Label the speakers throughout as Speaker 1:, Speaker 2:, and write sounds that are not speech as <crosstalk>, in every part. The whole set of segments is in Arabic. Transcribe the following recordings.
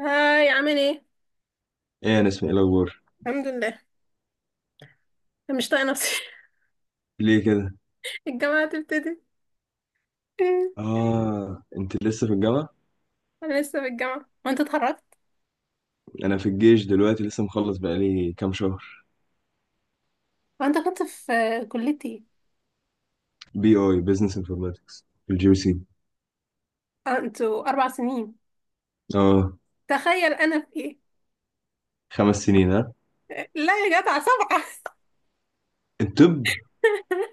Speaker 1: هاي، عامل ايه؟
Speaker 2: ايه، انا اسمي، ايه الاخبار؟
Speaker 1: الحمد لله. أنا مش طايقه نفسي.
Speaker 2: ليه كده؟
Speaker 1: <laughs> الجامعه هتبتدي.
Speaker 2: اه، انت لسه في الجامعه؟
Speaker 1: انا لسه في الجامعه وانت اتخرجت.
Speaker 2: انا في الجيش دلوقتي، لسه مخلص بقالي كام شهر.
Speaker 1: وانت كنت في كليتي ايه؟
Speaker 2: بي اي بزنس انفورماتكس في الجي سي.
Speaker 1: آه، انتوا اربع سنين.
Speaker 2: اه.
Speaker 1: تخيل انا في ايه.
Speaker 2: خمس سنين ها؟
Speaker 1: لا يا جدع، سبعه.
Speaker 2: الطب؟
Speaker 1: <laughs>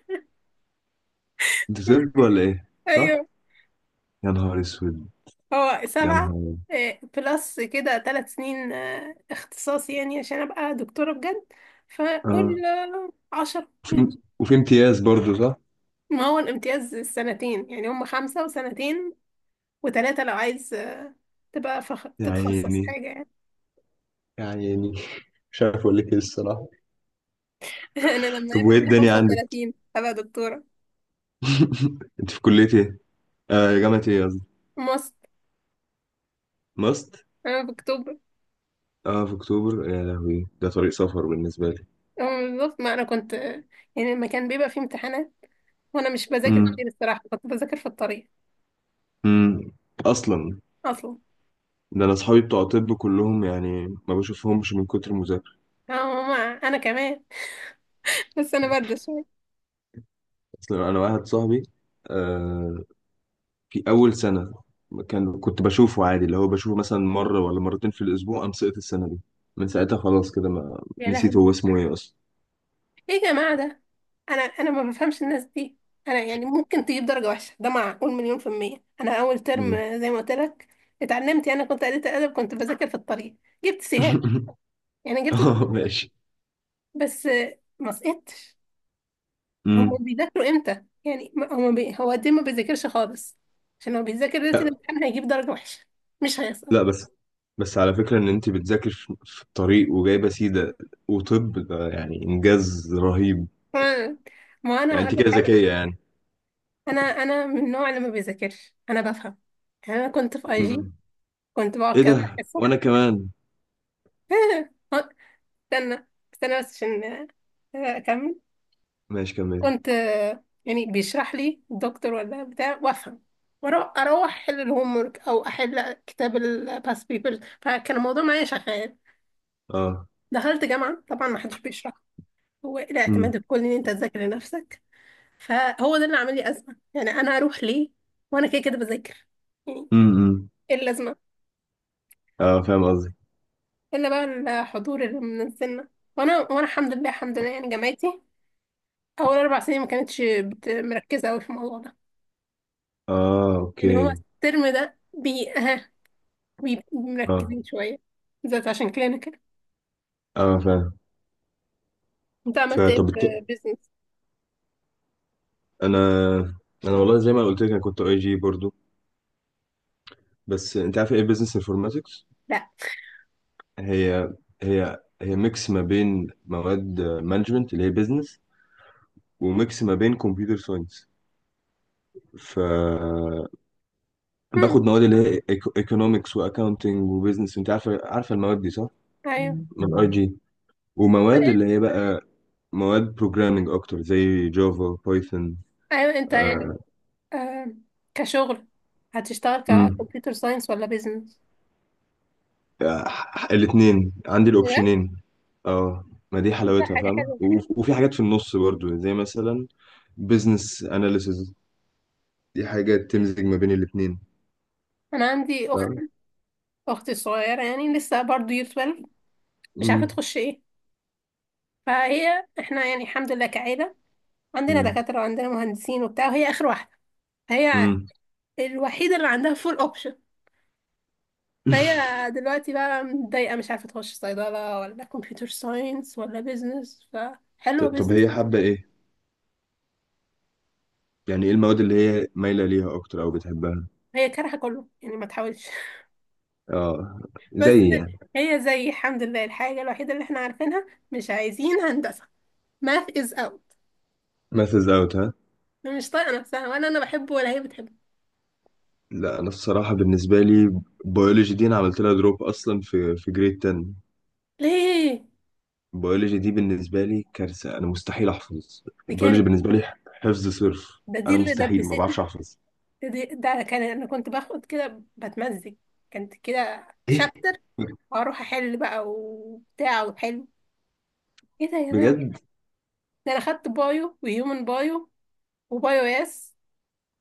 Speaker 2: انت طب ولا ايه؟ صح.
Speaker 1: ايوه.
Speaker 2: يا نهار اسود.
Speaker 1: هو
Speaker 2: يا
Speaker 1: سبعه.
Speaker 2: نهار
Speaker 1: إيه، بلس كده ثلاث سنين، اختصاصي يعني عشان ابقى دكتوره بجد.
Speaker 2: اه.
Speaker 1: فقول عشرة يعني.
Speaker 2: وفي وفي امتياز برضه صح؟
Speaker 1: ما هو الامتياز سنتين، يعني هم خمسه وسنتين وتلاتة لو عايز تبقى
Speaker 2: يا
Speaker 1: تتخصص
Speaker 2: عيني،
Speaker 1: حاجة يعني.
Speaker 2: يا عيني. <laughs> مش عارف اقول لك ايه الصراحه.
Speaker 1: <laughs> أنا لما
Speaker 2: طب
Speaker 1: يبقى
Speaker 2: وايه
Speaker 1: عندي
Speaker 2: الدنيا
Speaker 1: خمسة
Speaker 2: عندك؟
Speaker 1: وتلاتين هبقى دكتورة.
Speaker 2: <laughs> انت في كليه ايه؟ آه، جامعه ايه قصدي.
Speaker 1: ماست.
Speaker 2: ماست.
Speaker 1: أنا في أكتوبر.
Speaker 2: اه في اكتوبر. يا لهوي، ده طريق سفر بالنسبه لي.
Speaker 1: أه، بالظبط. ما أنا كنت يعني لما كان بيبقى فيه امتحانات وأنا مش بذاكر
Speaker 2: امم.
Speaker 1: كتير الصراحة، كنت بذاكر في الطريق.
Speaker 2: امم. اصلا،
Speaker 1: أصلا.
Speaker 2: ده انا اصحابي بتوع طب كلهم يعني ما بشوفهمش من كتر المذاكره.
Speaker 1: أه، ماما. أنا كمان. <laughs> بس أنا باردة شوية.
Speaker 2: اصلا انا واحد صاحبي، آه، في اول سنه كان كنت بشوفه عادي، اللي هو بشوفه مثلا مره ولا مرتين في الاسبوع، قام سقط السنه دي. من ساعتها خلاص كده، ما
Speaker 1: يا
Speaker 2: نسيت
Speaker 1: لهوي.
Speaker 2: هو اسمه ايه اصلا.
Speaker 1: إيه يا جماعة ده؟ أنا ما بفهمش الناس دي. أنا يعني ممكن تجيب درجة وحشة؟ ده معقول؟ مليون في المية. أنا أول ترم
Speaker 2: مم.
Speaker 1: زي ما قلت لك، اتعلمت يعني، كنت قريت أدب، كنت بذاكر في الطريق. جبت سي.
Speaker 2: <laughs>
Speaker 1: يعني جبت
Speaker 2: اه
Speaker 1: درجة
Speaker 2: ماشي.
Speaker 1: بس، ما سقطتش. هما
Speaker 2: امم.
Speaker 1: بيذاكروا امتى يعني؟ هو قد إيه ما بيذاكرش خالص؟ عشان لو بيذاكر ليلة
Speaker 2: لا
Speaker 1: الامتحان هيجيب درجة وحشة، مش هيسقط.
Speaker 2: لا. بس، بس على فكره ان انت بتذاكر في الطريق وجايبه سيده، وطب ده يعني انجاز رهيب.
Speaker 1: ما ما انا
Speaker 2: يعني انت
Speaker 1: هقول لك
Speaker 2: كده
Speaker 1: حاجة.
Speaker 2: ذكيه يعني؟
Speaker 1: انا من النوع اللي ما بيذاكرش، انا بفهم. يعني انا كنت في اي جي،
Speaker 2: مم.
Speaker 1: كنت بقعد
Speaker 2: ايه
Speaker 1: كده
Speaker 2: ده،
Speaker 1: في الحصة.
Speaker 2: وانا كمان.
Speaker 1: <laughs> استنى استنى بس عشان اكمل.
Speaker 2: ماشي كمل.
Speaker 1: كنت يعني بيشرح لي الدكتور ولا بتاع وافهم، اروح احل الهوم ورك او احل كتاب الباست بيبرز، فكان الموضوع معايا شغال.
Speaker 2: اه.
Speaker 1: دخلت جامعه، طبعا ما حدش بيشرح، هو إيه
Speaker 2: امم.
Speaker 1: الاعتماد الكلي ان انت تذاكر لنفسك. فهو ده اللي عامل لي ازمه. يعني انا اروح ليه وانا كده كده بذاكر، يعني
Speaker 2: امم.
Speaker 1: ايه اللازمه؟
Speaker 2: اه فاهم قصدي.
Speaker 1: الا بقى الحضور اللي من السنه. وانا الحمد لله، الحمد لله يعني، جامعتي اول اربع سنين ما كانتش مركزه قوي في الموضوع ده.
Speaker 2: اه
Speaker 1: يعني هو
Speaker 2: اوكي.
Speaker 1: الترم ده <laughs> بيبقوا
Speaker 2: اه
Speaker 1: مركزين شوية، بالذات عشان كده أنا كده.
Speaker 2: اه فاهم.
Speaker 1: انت عملت ايه
Speaker 2: فطب
Speaker 1: في بيزنس؟
Speaker 2: انا، والله زي ما قلت لك انا كنت اي جي برضو. بس انت عارف ايه بزنس انفورماتكس؟
Speaker 1: لا.
Speaker 2: هي، هي ميكس ما بين مواد مانجمنت اللي هي بزنس، وميكس ما بين كمبيوتر ساينس. ف
Speaker 1: مم.
Speaker 2: باخد مواد اللي هي ايكونومكس واكاونتنج وبزنس. انت عارفه المواد دي صح؟
Speaker 1: ايوه.
Speaker 2: من اي جي. ومواد اللي هي بقى مواد بروجرامنج اكتر، زي جافا بايثون.
Speaker 1: ايوه، انت يعني.
Speaker 2: آه.
Speaker 1: آه، كشغل هتشتغل
Speaker 2: امم.
Speaker 1: ككمبيوتر ساينس ولا بيزنس؟
Speaker 2: الاثنين عندي
Speaker 1: لا،
Speaker 2: الاوبشنين. اه، ما دي
Speaker 1: ده
Speaker 2: حلاوتها
Speaker 1: حاجة
Speaker 2: فاهمة،
Speaker 1: حلوة.
Speaker 2: وفي حاجات في النص برضو، زي مثلا بزنس اناليسز. دي حاجة تمزج ما بين الاثنين.
Speaker 1: أنا عندي أخت،
Speaker 2: فاهمة.
Speaker 1: أختي الصغيرة يعني لسه برضه يير 12، مش عارفة
Speaker 2: امم.
Speaker 1: تخش إيه. فهي إحنا يعني الحمد لله كعيلة، عندنا
Speaker 2: امم.
Speaker 1: دكاترة وعندنا مهندسين وبتاع، وهي آخر واحدة. هي
Speaker 2: امم.
Speaker 1: الوحيدة اللي عندها فول أوبشن. فهي دلوقتي بقى متضايقة، مش عارفة تخش صيدلة ولا كمبيوتر ساينس ولا بيزنس، فحلوة
Speaker 2: طب
Speaker 1: بيزنس.
Speaker 2: هي حابة ايه؟ يعني ايه المواد اللي هي مايلة ليها اكتر او بتحبها؟
Speaker 1: هي كارهة كله، يعني ما تحاولش. <laughs>
Speaker 2: اه، زي
Speaker 1: بس
Speaker 2: يعني.
Speaker 1: هي زي الحمد لله الحاجة الوحيدة اللي احنا عارفينها، مش عايزين هندسة. math is out.
Speaker 2: ماثز اوت ها؟
Speaker 1: مش طايقة نفسها، ولا أنا بحبه ولا هي بتحبه.
Speaker 2: لا انا الصراحة بالنسبة لي بيولوجي دي انا عملت لها دروب اصلا في جريد 10.
Speaker 1: ليه؟
Speaker 2: البيولوجي دي بالنسبة لي كارثة، أنا مستحيل أحفظ.
Speaker 1: دي
Speaker 2: البيولوجي
Speaker 1: كانت،
Speaker 2: بالنسبة لي حفظ صرف.
Speaker 1: دي
Speaker 2: أنا
Speaker 1: اللي
Speaker 2: مستحيل، ما
Speaker 1: دبستني.
Speaker 2: بعرفش أحفظ.
Speaker 1: ده كان أنا كنت باخد كده بتمزج، كانت كده
Speaker 2: ايه
Speaker 1: شابتر، وأروح أحل بقى وبتاع وحلو. ايه ده يا جماعة؟
Speaker 2: بجد؟
Speaker 1: ده انا خدت بايو وهيومن بايو وبايو اس،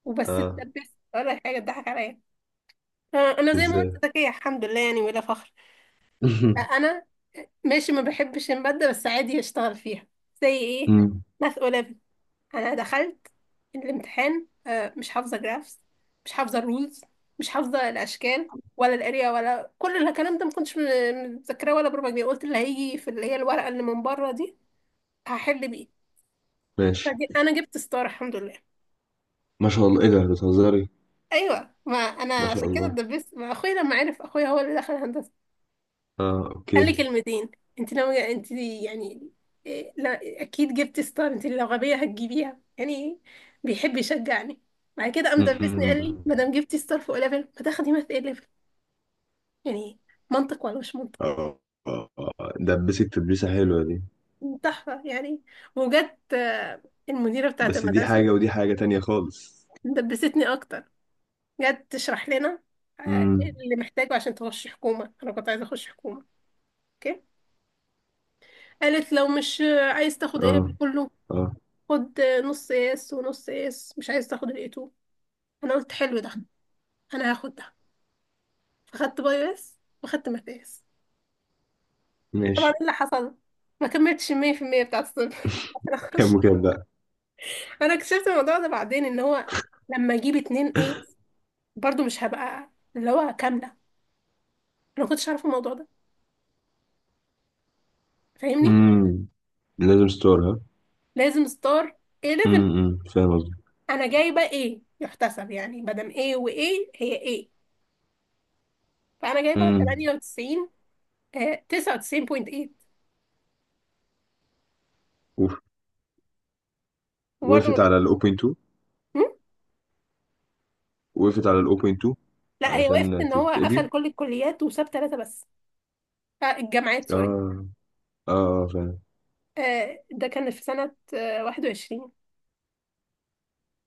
Speaker 1: وبس
Speaker 2: آه.
Speaker 1: اتدبست، ولا حاجه اتضحك عليا. انا زي ما قلت
Speaker 2: إزاي؟
Speaker 1: ذكيه الحمد لله يعني، ولا فخر.
Speaker 2: <laughs>
Speaker 1: انا ماشي، ما بحبش الماده بس عادي اشتغل فيها. زي ايه،
Speaker 2: مم.
Speaker 1: ماث 11. انا دخلت الامتحان مش حافظه جرافس، مش حافظه الرولز، مش حافظه الاشكال ولا الاريا ولا كل الكلام ده، ما كنتش متذكراه ولا بربع جنيه. قلت اللي هيجي في اللي هي الورقه اللي من بره دي هحل بيه.
Speaker 2: ماشي.
Speaker 1: انا جبت ستار الحمد لله.
Speaker 2: ما شاء الله، إيه ده بتهزري؟
Speaker 1: ايوه، ما انا
Speaker 2: ما شاء
Speaker 1: عشان كده
Speaker 2: الله.
Speaker 1: اتدبست، ما اخويا لما عرف، اخويا هو اللي دخل هندسه،
Speaker 2: آه
Speaker 1: قال
Speaker 2: أوكي.
Speaker 1: لي كلمتين. انت ناويه انت يعني، إيه، لا اكيد جبتي ستار، انت لو غبيه هتجيبيها يعني. بيحب يشجعني. بعد كده قام دبسني، قال لي
Speaker 2: مم.
Speaker 1: ما دام جبتي ستار فوق ليفل، ما تاخدي ماث ايه ليفل. يعني منطق ولا مش منطق.
Speaker 2: آه. آه، آه. دبست تدبيسة حلوة دي.
Speaker 1: تحفه يعني. وجت المديره بتاعه
Speaker 2: بس دي حاجة
Speaker 1: المدرسه
Speaker 2: ودي حاجة تانية خالص.
Speaker 1: دبستني اكتر. جت تشرح لنا إيه
Speaker 2: مم.
Speaker 1: اللي محتاجه عشان تخش حكومه. انا كنت عايزه اخش حكومه. قالت لو مش عايز تاخد قلب
Speaker 2: آه.
Speaker 1: كله،
Speaker 2: آه
Speaker 1: خد نص قياس ونص قياس، مش عايز تاخد الايتو. انا قلت حلو ده، انا هاخد ده. فخدت بايوس وخدت ماتياس. طبعا
Speaker 2: ماشي.
Speaker 1: إيه اللي حصل، ما كملتش 100% بتاعت الصنف. <laughs> انا
Speaker 2: كام
Speaker 1: خش،
Speaker 2: وكام بقى؟
Speaker 1: انا اكتشفت الموضوع ده بعدين ان هو لما اجيب اتنين ايه، برضو مش هبقى اللي هو كاملة. انا ما كنتش عارفة الموضوع ده، فاهمني؟
Speaker 2: مم. لازم ستور ها؟
Speaker 1: لازم ستار ايه ليفل.
Speaker 2: مم. مم. فاهم قصدي؟
Speaker 1: انا جايبة ايه يحتسب يعني، مادام ايه وايه هي ايه. فانا جايبة 98، 99.8.
Speaker 2: مم.
Speaker 1: وبرضه ما
Speaker 2: وقفت
Speaker 1: دخل-
Speaker 2: على الاوبن 2.
Speaker 1: هم؟
Speaker 2: وقفت على الاوبن 2.
Speaker 1: لا، هي وقفت
Speaker 2: علشان
Speaker 1: ان هو قفل
Speaker 2: تتقبل.
Speaker 1: كل الكليات وساب ثلاثة بس. آه، الجامعات، سوري.
Speaker 2: اه. اه. آه، فعلا.
Speaker 1: آه، ده كان في سنة 21.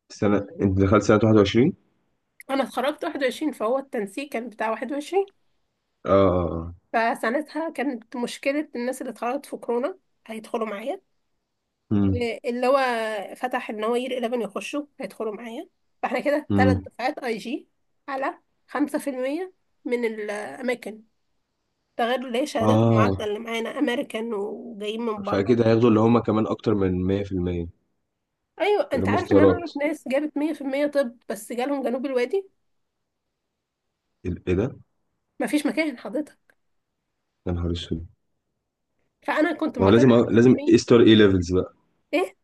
Speaker 2: السنة انت دخلت سنة 21؟
Speaker 1: انا اتخرجت 21، فهو التنسيق كان بتاع 21.
Speaker 2: اه اه اه.
Speaker 1: فسنتها كانت مشكلة الناس اللي اتخرجت في كورونا هيدخلوا معايا،
Speaker 2: مم.
Speaker 1: اللي هو فتح ان هو يير 11 يخشوا هيدخلوا معايا. فاحنا كده ثلاث
Speaker 2: مم.
Speaker 1: دفعات اي جي على 5% من الاماكن، ده غير اللي هي شهادات المعادلة
Speaker 2: اه،
Speaker 1: اللي معانا أمريكان وجايين من بره.
Speaker 2: فاكيد هياخدوا اللي هم كمان اكتر من 100%.
Speaker 1: أيوة،
Speaker 2: اللي
Speaker 1: أنت
Speaker 2: هم
Speaker 1: عارف إن أنا
Speaker 2: ستارات.
Speaker 1: أعرف ناس جابت 100% طب بس جالهم جنوب الوادي.
Speaker 2: ايه ده.
Speaker 1: مفيش مكان حضرتك.
Speaker 2: يا نهار اسود.
Speaker 1: فأنا كنت
Speaker 2: ما هو
Speaker 1: معتمدة
Speaker 2: لازم
Speaker 1: مية في
Speaker 2: لازم
Speaker 1: المية
Speaker 2: اي ستار اي ليفلز بقى.
Speaker 1: إيه،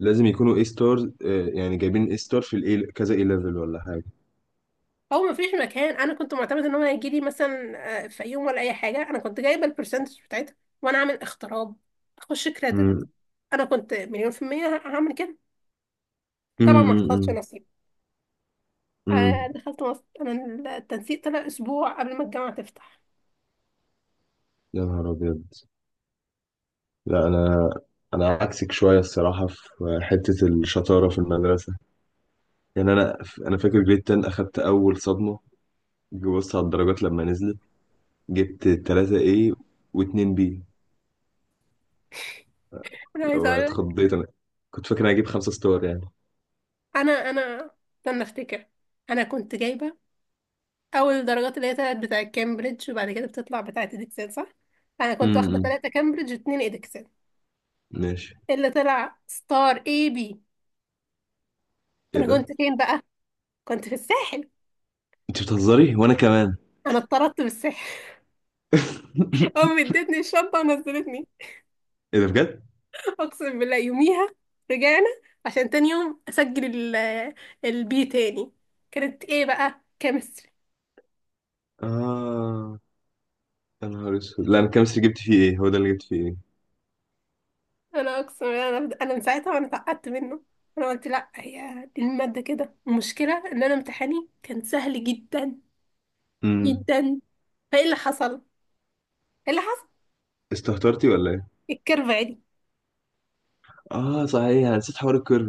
Speaker 2: لازم يكونوا اي ستار. يعني جايبين اي ستار في الاي كذا اي ليفل ولا حاجة؟
Speaker 1: هو مفيش مكان. أنا كنت معتمدة إن هو هيجيلي مثلا في يوم ولا أي حاجة، أنا كنت جايبة البرسنتج بتاعتها، وأنا عامل اختراب أخش كريدت.
Speaker 2: امم.
Speaker 1: أنا كنت مليون في المية هعمل كده. طبعا
Speaker 2: امم.
Speaker 1: ما حصلش
Speaker 2: امم.
Speaker 1: نصيب.
Speaker 2: أمم.
Speaker 1: دخلت مصر. أنا التنسيق طلع أسبوع قبل ما الجامعة تفتح.
Speaker 2: يا نهار ابيض. لا انا، عكسك شويه الصراحه في حته الشطاره في المدرسه. يعني انا، فاكر جريد 10 اخدت اول صدمه. جي بص على الدرجات لما نزلت، جبت 3 A و2 B.
Speaker 1: أنا عايزة أقول،
Speaker 2: واتخضيت انا، كنت فاكر انا هجيب خمسة ستار يعني.
Speaker 1: انا استنى افتكر. انا كنت جايبه اول الدرجات اللي هي تلات بتاع كامبريدج، وبعد كده بتطلع بتاعه ادكسل، صح؟ انا كنت واخده
Speaker 2: امم.
Speaker 1: ثلاثه كامبريدج واتنين ادكسل.
Speaker 2: ماشي.
Speaker 1: اللي طلع ستار اي بي.
Speaker 2: ايه
Speaker 1: انا كنت
Speaker 2: ده،
Speaker 1: فين بقى؟ كنت في الساحل.
Speaker 2: انت بتهزري وانا كمان.
Speaker 1: انا اتطردت بالساحل. <laughs>
Speaker 2: <laughs>
Speaker 1: امي ادتني الشنطه ونزلتني.
Speaker 2: ايه ده بجد.
Speaker 1: اقسم بالله يوميها. رجعنا عشان تاني يوم اسجل البي تاني. كانت ايه بقى؟ كيمستري.
Speaker 2: اه. يا نهار اسود، لا انا الكيمستري جبت فيه ايه؟ هو ده اللي جبت فيه ايه.
Speaker 1: انا اقسم بالله، انا من ساعتها وانا اتعقدت منه. انا قلت لا هي دي الماده كده، المشكله ان انا امتحاني كان سهل جدا
Speaker 2: امم.
Speaker 1: جدا. فايه اللي حصل، ايه اللي حصل؟
Speaker 2: استهترتي ولا ايه؟
Speaker 1: الكيرف عالي.
Speaker 2: اه صحيح انا نسيت حوار الكيرف.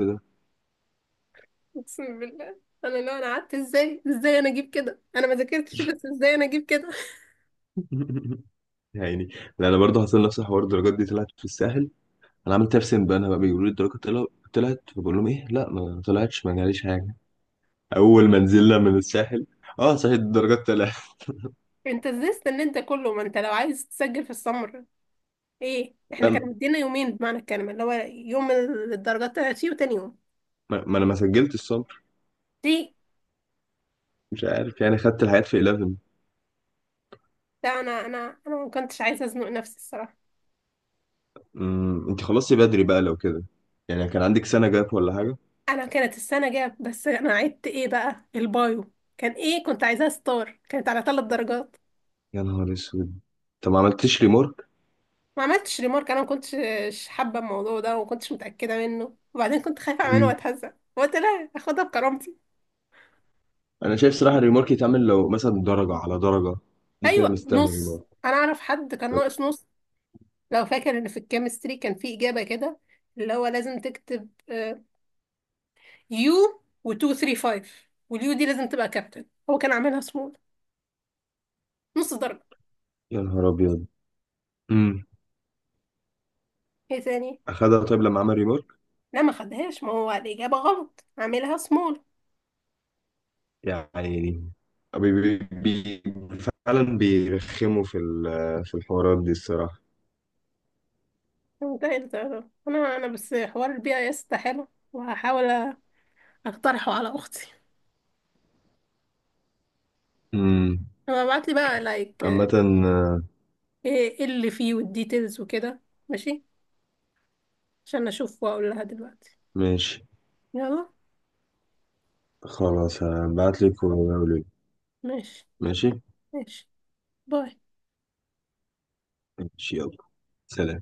Speaker 1: اقسم بالله، انا لو انا قعدت ازاي ازاي انا اجيب كده؟ انا ما ذاكرتش، بس ازاي انا اجيب كده؟
Speaker 2: يعني، لا انا برضه حصل نفس الحوار. الدرجات دي طلعت في الساحل. انا عملت نفسي، بقى بيقولوا لي الدرجات طلعت، فبقول لهم ايه لا ما طلعتش، ما جاليش حاجه. اول ما نزلنا من الساحل، اه صحيح الدرجات طلعت.
Speaker 1: <laughs> انت ازاي استنيت ده كله؟ ما انت لو عايز تسجل في السمر، ايه احنا كانوا
Speaker 2: لا
Speaker 1: مدينا يومين بمعنى الكلمه، اللي هو يوم الدرجات طلعت فيه وتاني يوم.
Speaker 2: ما انا ما سجلت الصبر.
Speaker 1: ليه؟
Speaker 2: مش عارف، يعني خدت الحاجات في 11.
Speaker 1: لا، انا ما كنتش عايزه ازنق نفسي الصراحه.
Speaker 2: امم. انت خلصتي بدري بقى لو كده. يعني كان عندك سنه جاب ولا حاجه؟
Speaker 1: انا كانت السنه جاب، بس انا عدت، ايه بقى البايو؟ كان ايه، كنت عايزاها ستار كانت على ثلاث درجات.
Speaker 2: يا نهار اسود. طب ما عملتش ريمورك؟
Speaker 1: ما عملتش ريمارك، انا ما كنتش حابه الموضوع ده وما كنتش متاكده منه، وبعدين كنت خايفه اعمله
Speaker 2: مم.
Speaker 1: واتهزق، قلت لا اخدها بكرامتي.
Speaker 2: انا شايف صراحه الريمورك يتعمل لو مثلا درجه على درجه. دي كده
Speaker 1: ايوه،
Speaker 2: مستاهله
Speaker 1: نص.
Speaker 2: ريمورك.
Speaker 1: انا اعرف حد كان
Speaker 2: طب.
Speaker 1: ناقص نص. لو فاكر ان في الكيمستري كان في اجابه كده اللي هو لازم تكتب يو و 2 3 5، واليو دي لازم تبقى كابتن، هو كان عاملها سمول، نص درجه.
Speaker 2: يا نهار ابيض.
Speaker 1: ايه تاني.
Speaker 2: اخدها طيب لما عمل ريمارك؟
Speaker 1: لا ما خدهاش، ما هو الإجابة غلط عاملها سمول.
Speaker 2: يعني. بي بي بي، فعلا بيرخموا في في الحوارات دي الصراحة.
Speaker 1: ده اختيار. انا بس حوار البي اي اس ده حلو، وهحاول اقترحه على اختي.
Speaker 2: امم.
Speaker 1: انا ابعت لي بقى لايك
Speaker 2: عامة.
Speaker 1: ايه
Speaker 2: آه،
Speaker 1: إيه اللي فيه والديتيلز وكده. ماشي، عشان اشوف واقول لها دلوقتي.
Speaker 2: ماشي.
Speaker 1: يلا.
Speaker 2: خلاص هبعتلك ولي.
Speaker 1: ماشي.
Speaker 2: ماشي.
Speaker 1: ماشي. باي.
Speaker 2: ماشي يلا. سلام.